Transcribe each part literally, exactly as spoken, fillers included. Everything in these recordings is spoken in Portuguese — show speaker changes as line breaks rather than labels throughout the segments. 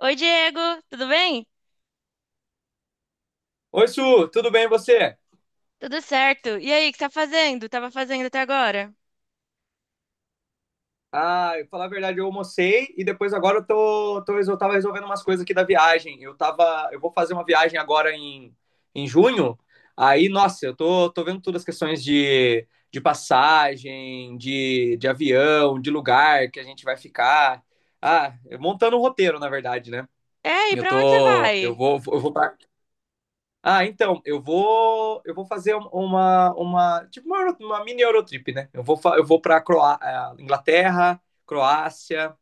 Oi, Diego, tudo bem?
Oi, Su, tudo bem e você?
Tudo certo. E aí, o que você tá fazendo? Tava fazendo até agora?
Ah, eu falar a verdade, eu almocei e depois agora eu tô, tô, resol- tava resolvendo umas coisas aqui da viagem. Eu tava, eu vou fazer uma viagem agora em, em junho. Aí, nossa, eu tô, tô vendo todas as questões de, de passagem, de, de avião, de lugar que a gente vai ficar. Ah, montando um roteiro, na verdade, né?
É, e
Eu
pra onde você
tô, eu
vai?
vou, eu vou pra- Ah, então, eu vou, eu vou fazer um- uma, uma, tipo uma, euro- uma mini Eurotrip, né? Eu vou, fa- eu vou para Inglaterra, Croácia,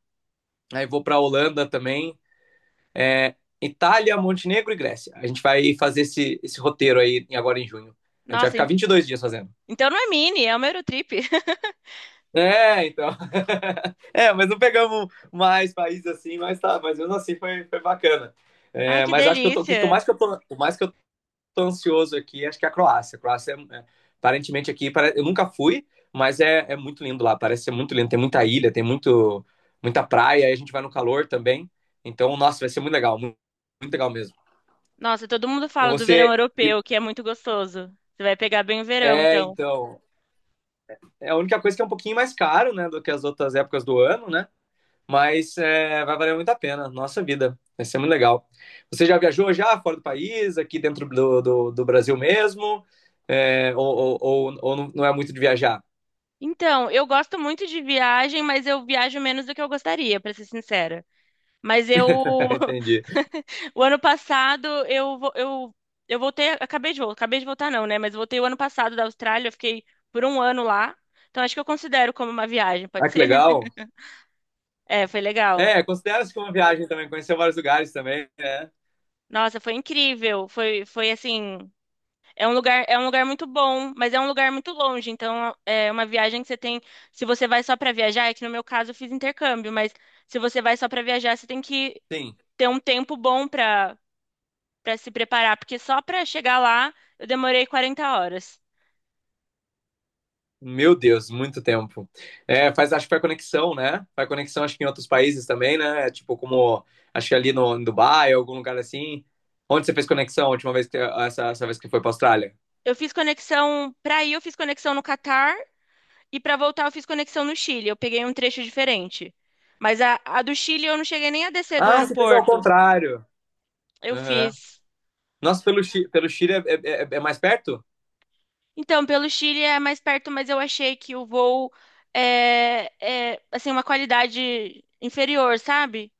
aí vou para Holanda também, é, Itália, Montenegro e Grécia. A gente vai fazer esse, esse roteiro aí em- agora em junho. A gente vai
Nossa,
ficar
en-
vinte e dois dias fazendo.
então não é mini, é uma Eurotrip.
É, então. É, mas não pegamos mais países assim, mas tá, mas mesmo assim foi, foi bacana.
Ai,
É,
que
mas acho que eu tô, quanto
delícia.
mais que eu tô, quanto mais que eu tô ansioso aqui, acho que é a Croácia. A Croácia, é, é, aparentemente, aqui, pare- eu nunca fui, mas é, é muito lindo lá, parece ser muito lindo. Tem muita ilha, tem muito, muita praia, aí a gente vai no calor também. Então, nossa, vai ser muito legal, muito, muito legal mesmo.
Nossa, todo mundo
E
fala do verão
você. e-
europeu, que é muito gostoso. Você vai pegar bem o verão,
É,
então.
então. É a única coisa que é um pouquinho mais caro, né, do que as outras épocas do ano, né? Mas é, vai valer muito a pena, nossa vida. Vai ser muito legal. Você já viajou já fora do país, aqui dentro do, do, do Brasil mesmo? É, ou, ou, ou ou não é muito de viajar?
Então, eu gosto muito de viagem, mas eu viajo menos do que eu gostaria, pra ser sincera. Mas eu
Entendi.
O ano passado eu, vo- eu, eu voltei, acabei de voltar, acabei de voltar não, né? Mas eu voltei o ano passado da Austrália, eu fiquei por um ano lá. Então acho que eu considero como uma viagem, pode
Ah, que
ser?
legal.
É, foi legal.
É, considera-se como uma viagem também, conheceu vários lugares também, né?
Nossa, foi incrível. Foi, foi assim, é um lugar, é um lugar muito bom, mas é um lugar muito longe. Então é uma viagem que você tem, se você vai só para viajar, é que no meu caso eu fiz intercâmbio, mas se você vai só para viajar, você tem que
Sim.
ter um tempo bom para para se preparar, porque só para chegar lá eu demorei quarenta horas.
Meu Deus, muito tempo. É, faz, acho que faz conexão, né? Faz conexão, acho que em outros países também, né? Tipo, como, acho que ali no, em Dubai, algum lugar assim. Onde você fez conexão a última vez, que, essa, essa vez que foi pra Austrália?
Eu fiz conexão para ir, eu fiz conexão no Catar e para voltar eu fiz conexão no Chile. Eu peguei um trecho diferente. Mas a, a do Chile eu não cheguei nem a descer do
Ah, você fez ao
aeroporto.
contrário.
Eu
Aham.
fiz.
Nossa, pelo, Chi- pelo Chile é, é- é- é mais perto?
Então, pelo Chile é mais perto, mas eu achei que o voo é, é assim uma qualidade inferior, sabe?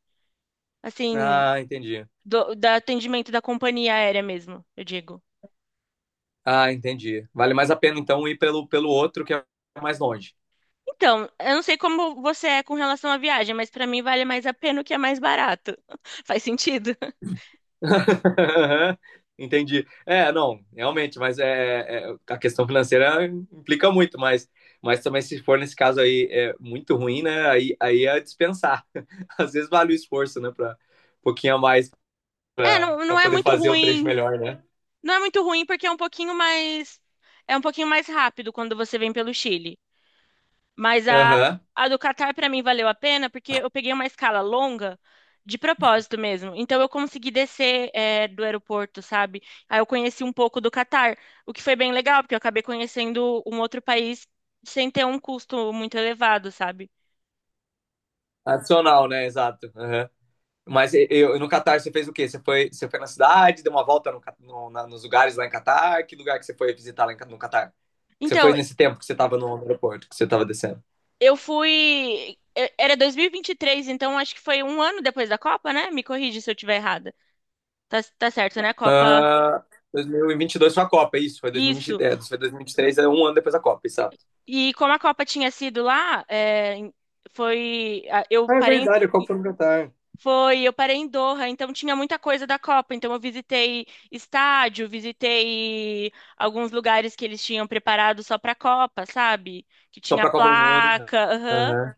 Assim,
Ah, entendi.
do, do atendimento da companhia aérea mesmo, eu digo.
Ah, entendi. Vale mais a pena, então, ir pelo, pelo outro, que é mais longe.
Então, eu não sei como você é com relação à viagem, mas para mim vale mais a pena o que é mais barato. Faz sentido?
Entendi. É, não, realmente, mas é, é, a questão financeira implica muito, mas, mas também se for nesse caso aí é muito ruim, né? Aí, aí é dispensar. Às vezes vale o esforço, né? Para um pouquinho a mais
É,
para
não, não é
poder
muito
fazer o trecho
ruim.
melhor, né?
Não é muito ruim porque é um pouquinho mais é um pouquinho mais rápido quando você vem pelo Chile. Mas a
Aham.
a do Catar para mim valeu a pena porque eu peguei uma escala longa de propósito mesmo. Então eu consegui descer é, do aeroporto, sabe? Aí eu conheci um pouco do Catar, o que foi bem legal porque eu acabei conhecendo um outro país sem ter um custo muito elevado, sabe?
Adicional, né? Exato. Aham. Mas e- eu, no Catar você fez o quê? Você foi, você foi na cidade, deu uma volta no, Ca- no- na- nos lugares lá em Catar? Que lugar que você foi visitar lá em Ca- no Catar? Que você foi
Então
nesse tempo que você estava no aeroporto, que você estava descendo?
eu fui e- Era dois mil e vinte e três, então acho que foi um ano depois da Copa, né? Me corrige se eu estiver errada. Tá, tá certo, né? A Copa.
Ah, dois mil e vinte e dois foi a Copa, é isso. Foi
Isso.
dois mil e vinte e três, é, foi dois mil e vinte e três, é um ano depois da Copa, exato.
E como a Copa tinha sido lá, é, em- foi. a- Eu
Ah, é
parei. em-
verdade, a Copa foi no Catar.
Foi, eu parei em Doha, então tinha muita coisa da Copa. Então eu visitei estádio, visitei alguns lugares que eles tinham preparado só pra Copa, sabe? Que
Só
tinha
pra Copa do Mundo, né?
placa, aham.
Aham.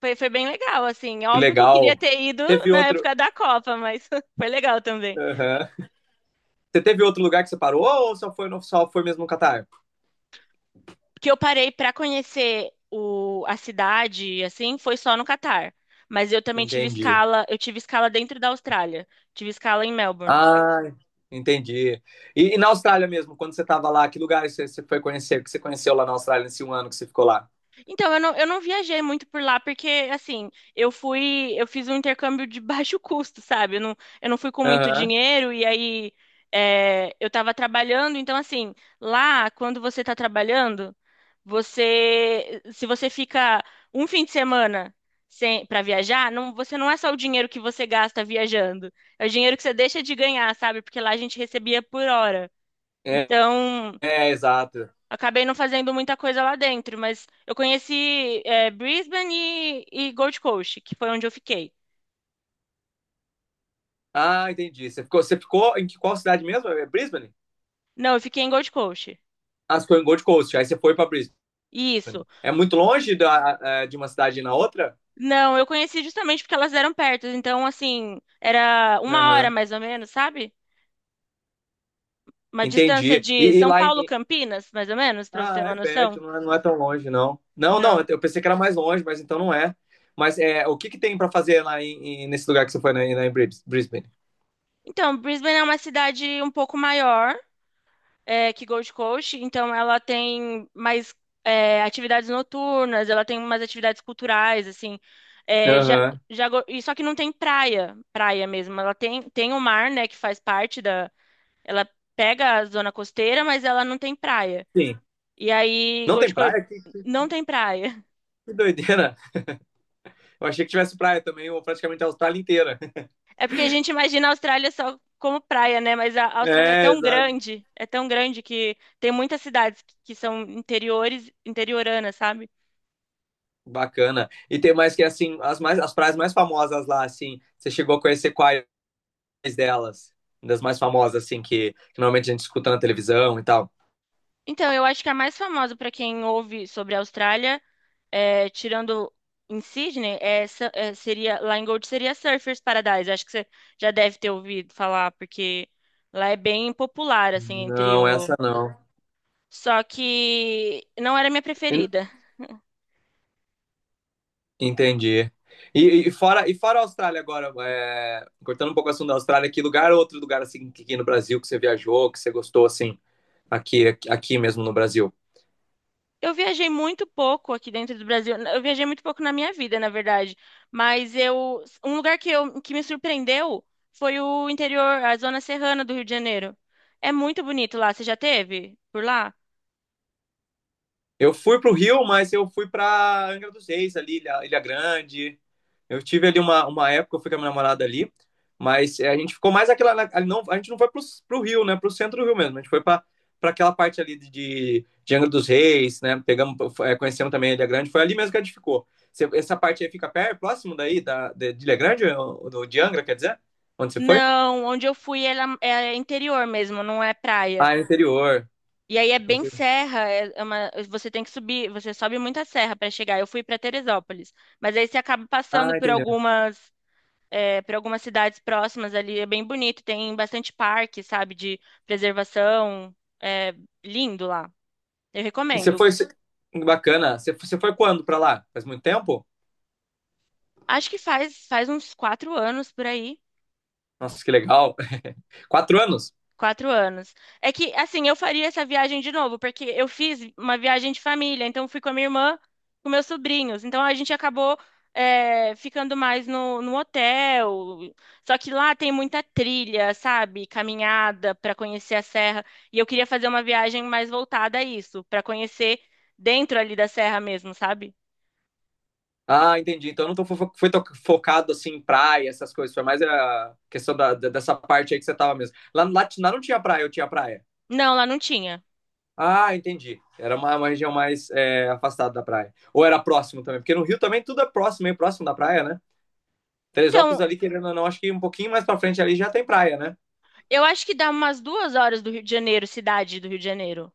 Foi, foi bem legal, assim.
Que
Óbvio que eu queria
legal.
ter ido
Teve
na
outro.
época da Copa, mas foi legal também.
Aham. Você teve outro lugar que você parou ou só foi, no, só foi mesmo no Catar?
que eu parei para conhecer o, a cidade, assim, foi só no Catar. Mas eu também tive
Entendi.
escala, eu tive escala dentro da Austrália, tive escala em Melbourne.
Ah, entendi. E, e na Austrália mesmo, quando você tava lá, que lugares você, você foi conhecer, que você conheceu lá na Austrália nesse um ano que você ficou lá?
Então, eu não, eu não viajei muito por lá, porque, assim, eu fui, eu fiz um intercâmbio de baixo custo, sabe? Eu não, eu não fui com muito
Aham.
dinheiro, e aí é, eu tava trabalhando, então, assim, lá, quando você tá trabalhando, você, se você fica um fim de semana sem, para viajar, não, você não é só o dinheiro que você gasta viajando, é o dinheiro que você deixa de ganhar, sabe? Porque lá a gente recebia por hora.
É,
Então,
é, exato.
acabei não fazendo muita coisa lá dentro, mas eu conheci é, Brisbane e, e Gold Coast, que foi onde eu fiquei.
Ah, entendi. Você ficou, você ficou em que- qual cidade mesmo? É Brisbane?
Não, eu fiquei em Gold Coast.
As ficou em Gold Coast. Aí você foi para Brisbane.
Isso.
É muito longe da, é, de uma cidade na outra?
Não, eu conheci justamente porque elas eram perto. Então, assim, era
Aham.
uma hora
Uhum.
mais ou menos, sabe? Uma distância
Entendi.
de
E, e
São
lá em.
Paulo, Campinas, mais ou menos, para você ter
Ah, é
uma noção.
perto, não é, não é tão longe, não. Não, não,
Não.
eu pensei que era mais longe, mas então não é. Mas é, o que que tem para fazer lá em, em- nesse lugar que você foi, né, lá em Bris- Brisbane?
Então, Brisbane é uma cidade um pouco maior é, que Gold Coast, então ela tem mais é, atividades noturnas, ela tem umas atividades culturais, assim. É, já,
Aham.
já, go- e só que não tem praia, praia mesmo. Ela tem, tem o mar, né, que faz parte da. Ela pega a zona costeira, mas ela não tem praia.
Sim.
E aí,
Não tem
Gold Coast
praia? Que,
não tem praia.
que doideira. Eu achei que tivesse praia também, ou praticamente a Austrália inteira.
É porque a gente imagina a Austrália só como praia, né? Mas a a Austrália é
É,
tão
exato.
grande, é tão grande que tem muitas cidades que que são interiores, interioranas, sabe?
Bacana. E tem mais que, assim, as, mais, as praias mais famosas lá, assim, você chegou a conhecer qual delas, das mais famosas, assim, que, que normalmente a gente escuta na televisão e tal.
Então, eu acho que a mais famosa para quem ouve sobre a Austrália, é, tirando em Sydney, é, essa- é, seria, lá em Gold seria Surfers Paradise. Acho que você já deve ter ouvido falar, porque lá é bem popular, assim, entre
Não,
o.
essa não.
Só que não era minha
En-
preferida.
Entendi. E, e fora, e fora a Austrália agora, é, cortando um pouco o assunto da Austrália, que lugar, outro lugar, assim, que aqui no Brasil que você viajou, que você gostou, assim, aqui, aqui aqui mesmo no Brasil?
Eu viajei muito pouco aqui dentro do Brasil. Eu viajei muito pouco na minha vida, na verdade. Mas eu, um lugar que, eu, que me surpreendeu foi o interior, a zona serrana do Rio de Janeiro. É muito bonito lá. Você já teve por lá?
Eu fui para o Rio, mas eu fui para Angra dos Reis ali, Ilha, Ilha Grande. Eu tive ali uma, uma época, eu fui com a minha namorada ali, mas é, a gente ficou mais aquela. Não, a gente não foi para o Rio, né? Para o centro do Rio mesmo. A gente foi para aquela parte ali de, de, de Angra dos Reis, né? Pegamos, é, conhecemos também a Ilha Grande. Foi ali mesmo que a gente ficou. Essa parte aí fica perto, próximo daí, da, de, de Ilha Grande, ou do, de Angra, quer dizer? Onde você foi?
Não, onde eu fui ela- é interior mesmo, não é praia.
Ah, é interior.
E aí é bem
Inter-
serra, é é uma- você tem que subir, você sobe muita serra para chegar. Eu fui para Teresópolis, mas aí você acaba passando
Ah,
por
entendeu.
algumas, é, por algumas cidades próximas ali, é bem bonito, tem bastante parque, sabe, de preservação, é lindo lá. Eu
E você
recomendo.
foi. Bacana. Você, você foi quando para lá? Faz muito tempo?
Acho que faz faz uns quatro anos por aí.
Nossa, que legal. Quatro anos?
Quatro anos. É que, assim, eu faria essa viagem de novo, porque eu fiz uma viagem de família, então fui com a minha irmã, com meus sobrinhos. Então a gente acabou, é, ficando mais no, no hotel. Só que lá tem muita trilha, sabe? Caminhada para conhecer a serra. E eu queria fazer uma viagem mais voltada a isso, para conhecer dentro ali da serra mesmo, sabe?
Ah, entendi. Então eu não tô fo- foi to- focado assim em praia, essas coisas. Foi mais a questão da, da- dessa parte aí que você tava mesmo. Lá, lá, t- lá não tinha praia, eu tinha praia.
Não, lá não tinha.
Ah, entendi. Era uma, uma região mais é, afastada da praia. Ou era próximo também, porque no Rio também tudo é próximo, meio próximo da praia, né? Teresópolis
Então,
ali, querendo ou não, acho que um pouquinho mais pra frente ali já tem praia, né?
eu acho que dá umas duas horas do Rio de Janeiro, cidade do Rio de Janeiro.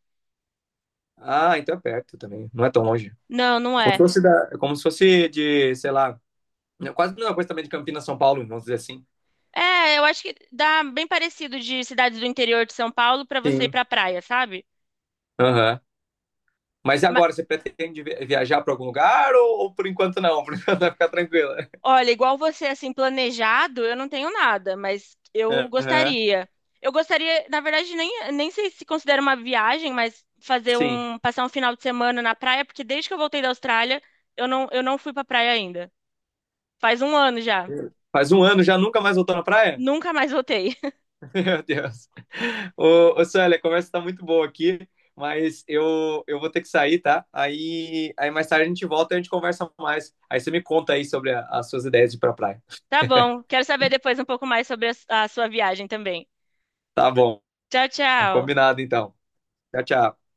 Ah, então é perto também. Não é tão longe.
Não, não
Como se
é
fosse, da, como se fosse de, sei lá, quase a mesma coisa também de Campinas, São Paulo, vamos dizer assim.
É, eu acho que dá bem parecido de cidades do interior de São Paulo pra você ir
Sim.
pra praia, sabe?
Aham. Mas e
Ma-
agora, você pretende viajar para algum lugar ou, ou por enquanto não? Por enquanto vai ficar tranquila.
olha, igual você, assim, planejado, eu não tenho nada, mas eu
Aham,
gostaria. Eu gostaria, na verdade, nem, nem sei se considera uma viagem, mas fazer
sim.
um, passar um final de semana na praia, porque desde que eu voltei da Austrália, eu não, eu não fui pra praia ainda. Faz um ano já.
Faz um ano já nunca mais voltou na praia?
Nunca mais voltei.
Meu Deus. Ô, ô Célia, a conversa tá muito boa aqui, mas eu, eu vou ter que sair, tá? Aí, aí mais tarde a gente volta e a gente conversa mais. Aí você me conta aí sobre a- as suas ideias de ir pra praia.
Tá bom, quero saber depois um pouco mais sobre a a sua viagem também.
Tá bom,
Tchau, tchau.
combinado então. Tchau, tchau.